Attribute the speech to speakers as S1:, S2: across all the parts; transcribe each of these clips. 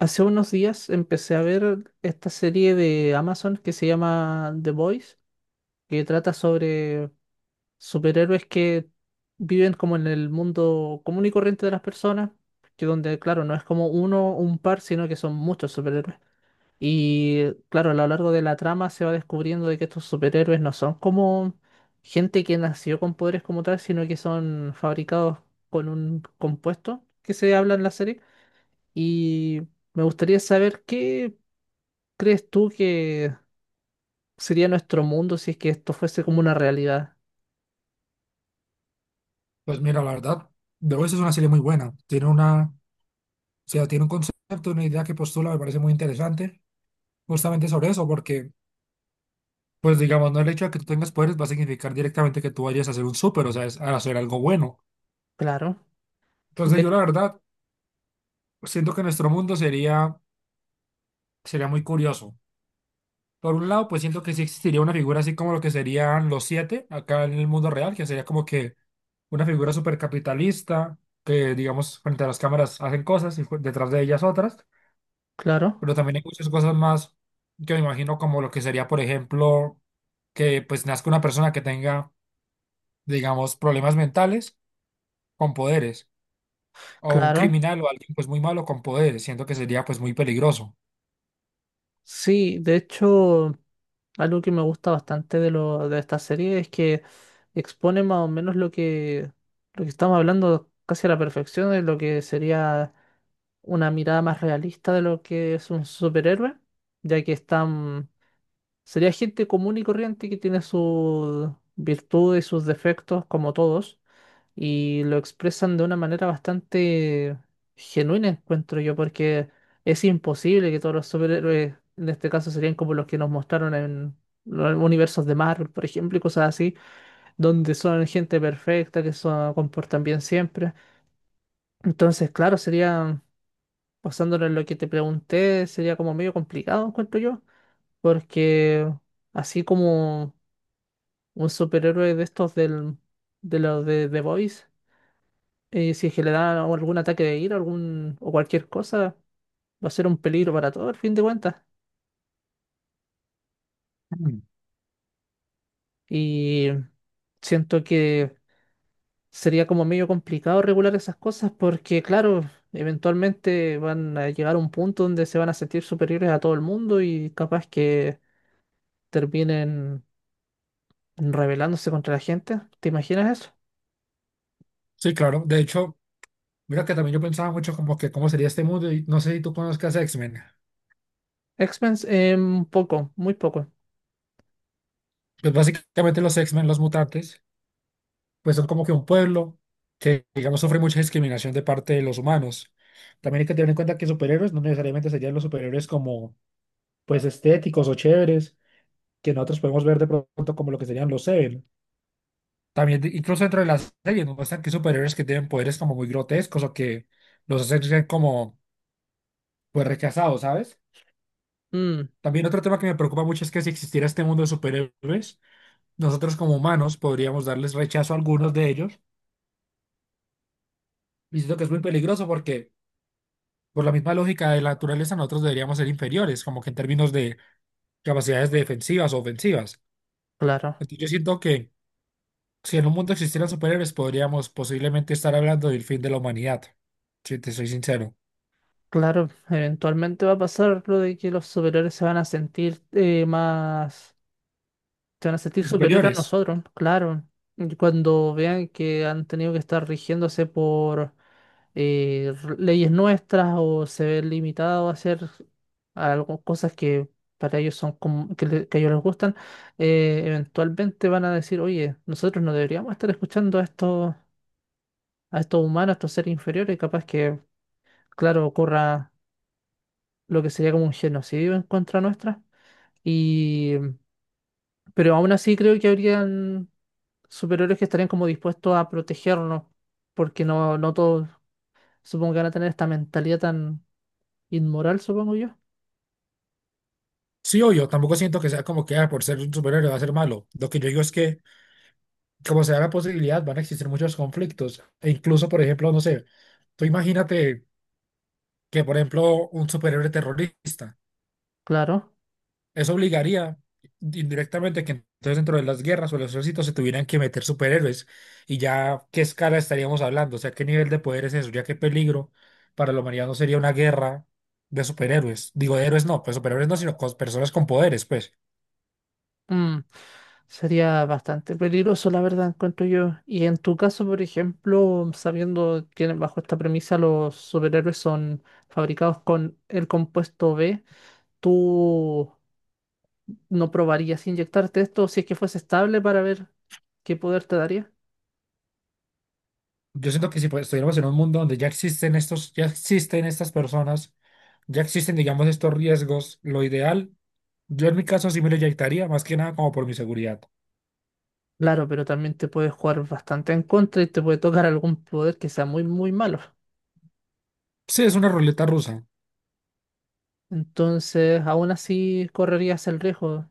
S1: Hace unos días empecé a ver esta serie de Amazon que se llama The Boys, que trata sobre superhéroes que viven como en el mundo común y corriente de las personas, que donde, claro, no es como uno o un par, sino que son muchos superhéroes. Y claro, a lo largo de la trama se va descubriendo de que estos superhéroes no son como gente que nació con poderes como tal, sino que son fabricados con un compuesto que se habla en la serie. Y me gustaría saber qué crees tú que sería nuestro mundo si es que esto fuese como una realidad.
S2: Pues mira, la verdad, The Voice es una serie muy buena. Tiene una, o sea, tiene un concepto, una idea que postula, me parece muy interesante, justamente sobre eso, porque, pues digamos, no el hecho de que tú tengas poderes va a significar directamente que tú vayas a ser un súper, o sea, a hacer algo bueno.
S1: Claro,
S2: Entonces yo
S1: de,
S2: la verdad siento que nuestro mundo sería, sería muy curioso. Por un lado, pues siento que sí existiría una figura así como lo que serían los siete acá en el mundo real, que sería como que una figura supercapitalista, que digamos, frente a las cámaras hacen cosas y detrás de ellas otras.
S1: claro,
S2: Pero también hay muchas cosas más que me imagino como lo que sería, por ejemplo, que pues nazca una persona que tenga, digamos, problemas mentales con poderes, o un
S1: claro.
S2: criminal o alguien pues muy malo con poderes, siento que sería pues muy peligroso.
S1: Sí, de hecho, algo que me gusta bastante de esta serie es que expone más o menos lo que estamos hablando casi a la perfección de lo que sería una mirada más realista de lo que es un superhéroe, ya que están, sería gente común y corriente que tiene sus virtudes y sus defectos como todos y lo expresan de una manera bastante genuina, encuentro yo, porque es imposible que todos los superhéroes, en este caso, serían como los que nos mostraron en los universos de Marvel, por ejemplo, y cosas así, donde son gente perfecta, que se comportan bien siempre. Entonces, claro, sería, basándolo en lo que te pregunté, sería como medio complicado, encuentro yo, porque así como un superhéroe de los de The Boys si es que le dan algún ataque de ira algún, o cualquier cosa, va a ser un peligro para todo, al fin de cuentas.
S2: Mm.
S1: Y siento que sería como medio complicado regular esas cosas porque, claro, eventualmente van a llegar a un punto donde se van a sentir superiores a todo el mundo y capaz que terminen rebelándose contra la gente. ¿Te imaginas eso?
S2: Sí, claro, de hecho, mira que también yo pensaba mucho como que cómo sería este mundo y no sé si tú conozcas X-Men.
S1: X-Men, un poco, muy poco.
S2: Pues básicamente los X-Men, los mutantes, pues son como que un pueblo que, digamos, sufre mucha discriminación de parte de los humanos. También hay que tener en cuenta que superhéroes no necesariamente serían los superhéroes como pues estéticos o chéveres que nosotros podemos ver de pronto como lo que serían los Seven. También, incluso dentro de las series, nos muestran que hay superhéroes que tienen poderes como muy grotescos o que los hacen ser como, pues, rechazados, ¿sabes?
S1: Mm,
S2: También otro tema que me preocupa mucho es que si existiera este mundo de superhéroes, nosotros como humanos podríamos darles rechazo a algunos de ellos. Y siento que es muy peligroso porque, por la misma lógica de la naturaleza, nosotros deberíamos ser inferiores, como que en términos de capacidades defensivas o ofensivas.
S1: claro.
S2: Entonces, yo siento que si en un mundo existieran superhéroes, podríamos posiblemente estar hablando del fin de la humanidad. Si te soy sincero.
S1: Claro, eventualmente va a pasar lo de que los superiores se van a sentir más, se van a sentir
S2: Los
S1: superior a
S2: superiores.
S1: nosotros, claro. Y cuando vean que han tenido que estar rigiéndose por leyes nuestras o se ven limitados a hacer algo, cosas que para ellos son que a ellos les gustan, eventualmente van a decir, oye, nosotros no deberíamos estar escuchando a estos humanos, a estos seres inferiores, capaz que, claro, ocurra lo que sería como un genocidio en contra nuestra. Y, pero aún así creo que habrían superhéroes que estarían como dispuestos a protegernos, porque no todos supongo que van a tener esta mentalidad tan inmoral, supongo yo.
S2: Sí, obvio, tampoco siento que sea como que ah, por ser un superhéroe va a ser malo. Lo que yo digo es que, como se da la posibilidad, van a existir muchos conflictos. E incluso, por ejemplo, no sé, tú imagínate que, por ejemplo, un superhéroe terrorista.
S1: Claro.
S2: Eso obligaría indirectamente que entonces dentro de las guerras o los ejércitos se tuvieran que meter superhéroes. Y ya, ¿qué escala estaríamos hablando? O sea, ¿qué nivel de poder es eso? Ya qué peligro para la humanidad no sería una guerra de superhéroes. Digo, de héroes no, pues superhéroes no, sino con personas con poderes, pues.
S1: Mm, sería bastante peligroso, la verdad, encuentro yo. Y en tu caso, por ejemplo, sabiendo que bajo esta premisa los superhéroes son fabricados con el compuesto B, ¿tú no probarías inyectarte esto si es que fuese estable para ver qué poder te daría?
S2: Yo siento que si pues, estuviéramos en un mundo donde ya existen estos, ya existen estas personas, ya existen, digamos, estos riesgos, lo ideal, yo en mi caso sí me lo inyectaría, más que nada como por mi seguridad.
S1: Claro, pero también te puede jugar bastante en contra y te puede tocar algún poder que sea muy, muy malo.
S2: Sí, es una ruleta rusa.
S1: Entonces, aún así correrías el riesgo.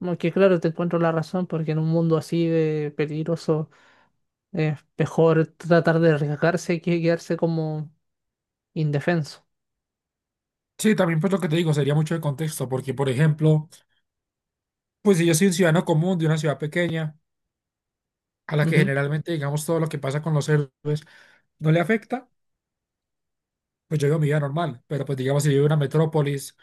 S1: Aunque claro, te encuentro la razón, porque en un mundo así de peligroso es mejor tratar de arriesgarse que quedarse como indefenso.
S2: Sí, también pues lo que te digo sería mucho de contexto, porque por ejemplo, pues si yo soy un ciudadano común de una ciudad pequeña, a la que
S1: Ujú.
S2: generalmente digamos todo lo que pasa con los héroes no le afecta, pues yo vivo mi vida normal, pero pues digamos si vivo en una metrópolis,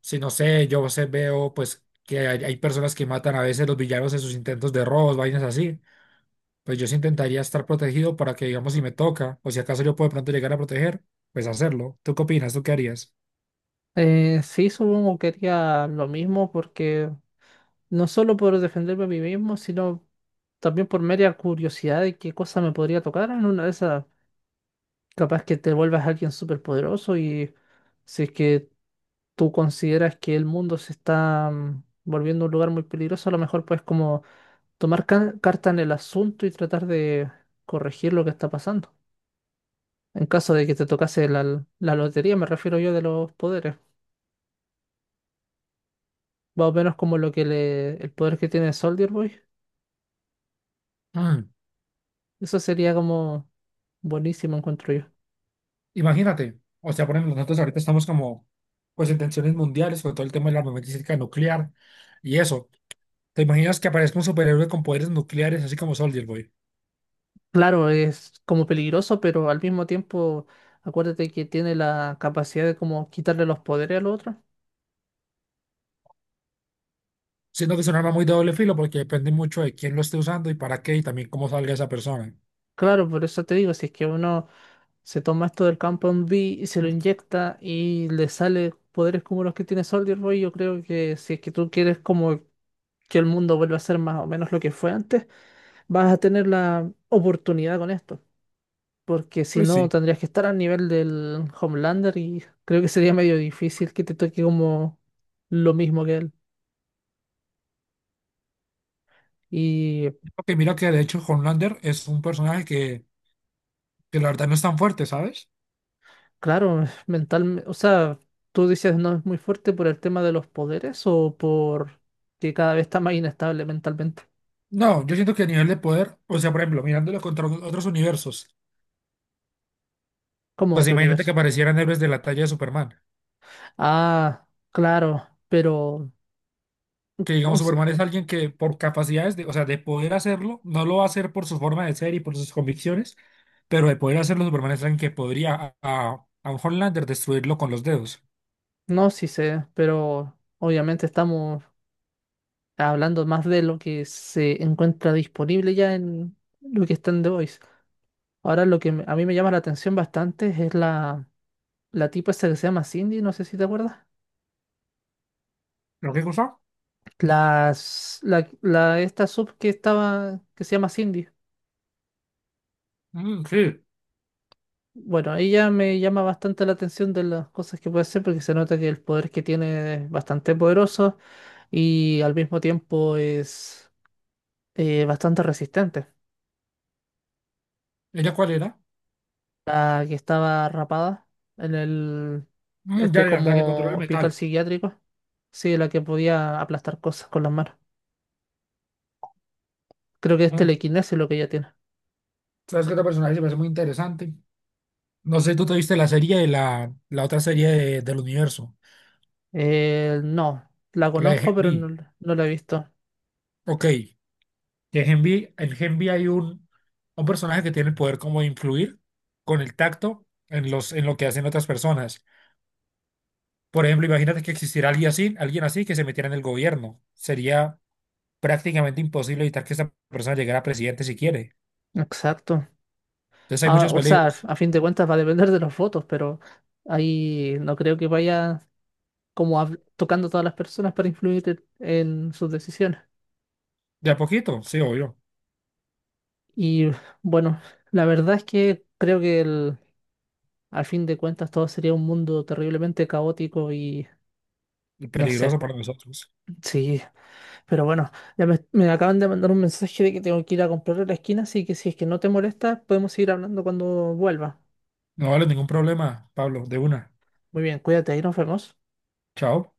S2: si no sé, yo sé, veo pues que hay personas que matan a veces los villanos en sus intentos de robos, vainas así, pues yo sí intentaría estar protegido para que digamos si me toca, o si acaso yo puedo de pronto llegar a proteger, pues hacerlo. ¿Tú qué opinas? ¿Tú qué harías?
S1: Sí, supongo que haría lo mismo porque no solo por defenderme a mí mismo, sino también por mera curiosidad de qué cosa me podría tocar en una de esas. Capaz que te vuelvas alguien súper poderoso y si es que tú consideras que el mundo se está volviendo un lugar muy peligroso, a lo mejor puedes como tomar carta en el asunto y tratar de corregir lo que está pasando. En caso de que te tocase la lotería, me refiero yo de los poderes. Más o menos como el poder que tiene Soldier Boy.
S2: Mm.
S1: Eso sería como buenísimo, encuentro yo.
S2: Imagínate, o sea, por ejemplo, nosotros ahorita estamos como, pues en tensiones mundiales, con todo el tema de la armamentística nuclear y eso. ¿Te imaginas que aparezca un superhéroe con poderes nucleares, así como Soldier Boy?
S1: Claro, es como peligroso, pero al mismo tiempo, acuérdate que tiene la capacidad de como quitarle los poderes al otro.
S2: Siento que es un arma muy de doble filo porque depende mucho de quién lo esté usando y para qué y también cómo salga esa persona.
S1: Claro, por eso te digo, si es que uno se toma esto del campo en B y se lo inyecta y le sale poderes como los que tiene Soldier Boy, yo creo que si es que tú quieres como que el mundo vuelva a ser más o menos lo que fue antes, vas a tener la oportunidad con esto. Porque si
S2: Pues
S1: no,
S2: sí.
S1: tendrías que estar al nivel del Homelander y creo que sería medio difícil que te toque como lo mismo que él. Y
S2: Ok, mira que de hecho Homelander es un personaje que la verdad no es tan fuerte, ¿sabes?
S1: claro, mental, o sea, tú dices no es muy fuerte por el tema de los poderes o por que cada vez está más inestable mentalmente,
S2: No, yo siento que a nivel de poder, o sea, por ejemplo, mirándolo contra otros universos,
S1: como
S2: pues
S1: otro
S2: imagínate que
S1: universo.
S2: aparecieran héroes de la talla de Superman.
S1: Ah, claro, pero
S2: Que
S1: o
S2: digamos
S1: s-
S2: Superman es alguien que por capacidades de, o sea, de poder hacerlo, no lo va a hacer por su forma de ser y por sus convicciones, pero de poder hacerlo, Superman es alguien que podría a un Homelander destruirlo con los dedos.
S1: no, sí sé, pero obviamente estamos hablando más de lo que se encuentra disponible ya en lo que está en The Voice. Ahora a mí me llama la atención bastante es la tipa esa que se llama Cindy, no sé si te acuerdas.
S2: ¿Lo que cosa?
S1: Esta sub que estaba, que se llama Cindy.
S2: Mm, sí.
S1: Bueno, ella me llama bastante la atención de las cosas que puede hacer porque se nota que el poder que tiene es bastante poderoso y al mismo tiempo es bastante resistente.
S2: ¿Ella cuál era?
S1: La que estaba rapada en el,
S2: Mm, ya
S1: este
S2: era la que controla
S1: como
S2: el
S1: hospital
S2: metal.
S1: psiquiátrico. Sí, la que podía aplastar cosas con las manos. Creo que es
S2: Mm.
S1: telequinesis lo que ella tiene.
S2: ¿Sabes qué otro personaje se me hace muy interesante? No sé, tú te viste la serie de la otra serie del universo,
S1: No, la
S2: la de Gen
S1: conozco, pero no,
S2: V.
S1: no la he visto.
S2: Ok, que en Genvi hay un personaje que tiene el poder como de influir con el tacto en, en lo que hacen otras personas. Por ejemplo, imagínate que existiera alguien así que se metiera en el gobierno. Sería prácticamente imposible evitar que esa persona llegara a presidente si quiere.
S1: Exacto.
S2: Entonces hay
S1: Ah,
S2: muchos
S1: o sea,
S2: peligros.
S1: a fin de cuentas va a depender de los votos, pero ahí no creo que vaya como tocando a todas las personas para influir en sus decisiones.
S2: De a poquito, sí, obvio.
S1: Y bueno, la verdad es que creo a fin de cuentas todo sería un mundo terriblemente caótico y
S2: Y
S1: no sé.
S2: peligroso para nosotros.
S1: Sí, pero bueno, ya me acaban de mandar un mensaje de que tengo que ir a comprar a la esquina, así que si es que no te molesta, podemos seguir hablando cuando vuelva.
S2: No vale ningún problema, Pablo. De una.
S1: Muy bien, cuídate, ahí nos vemos.
S2: Chao.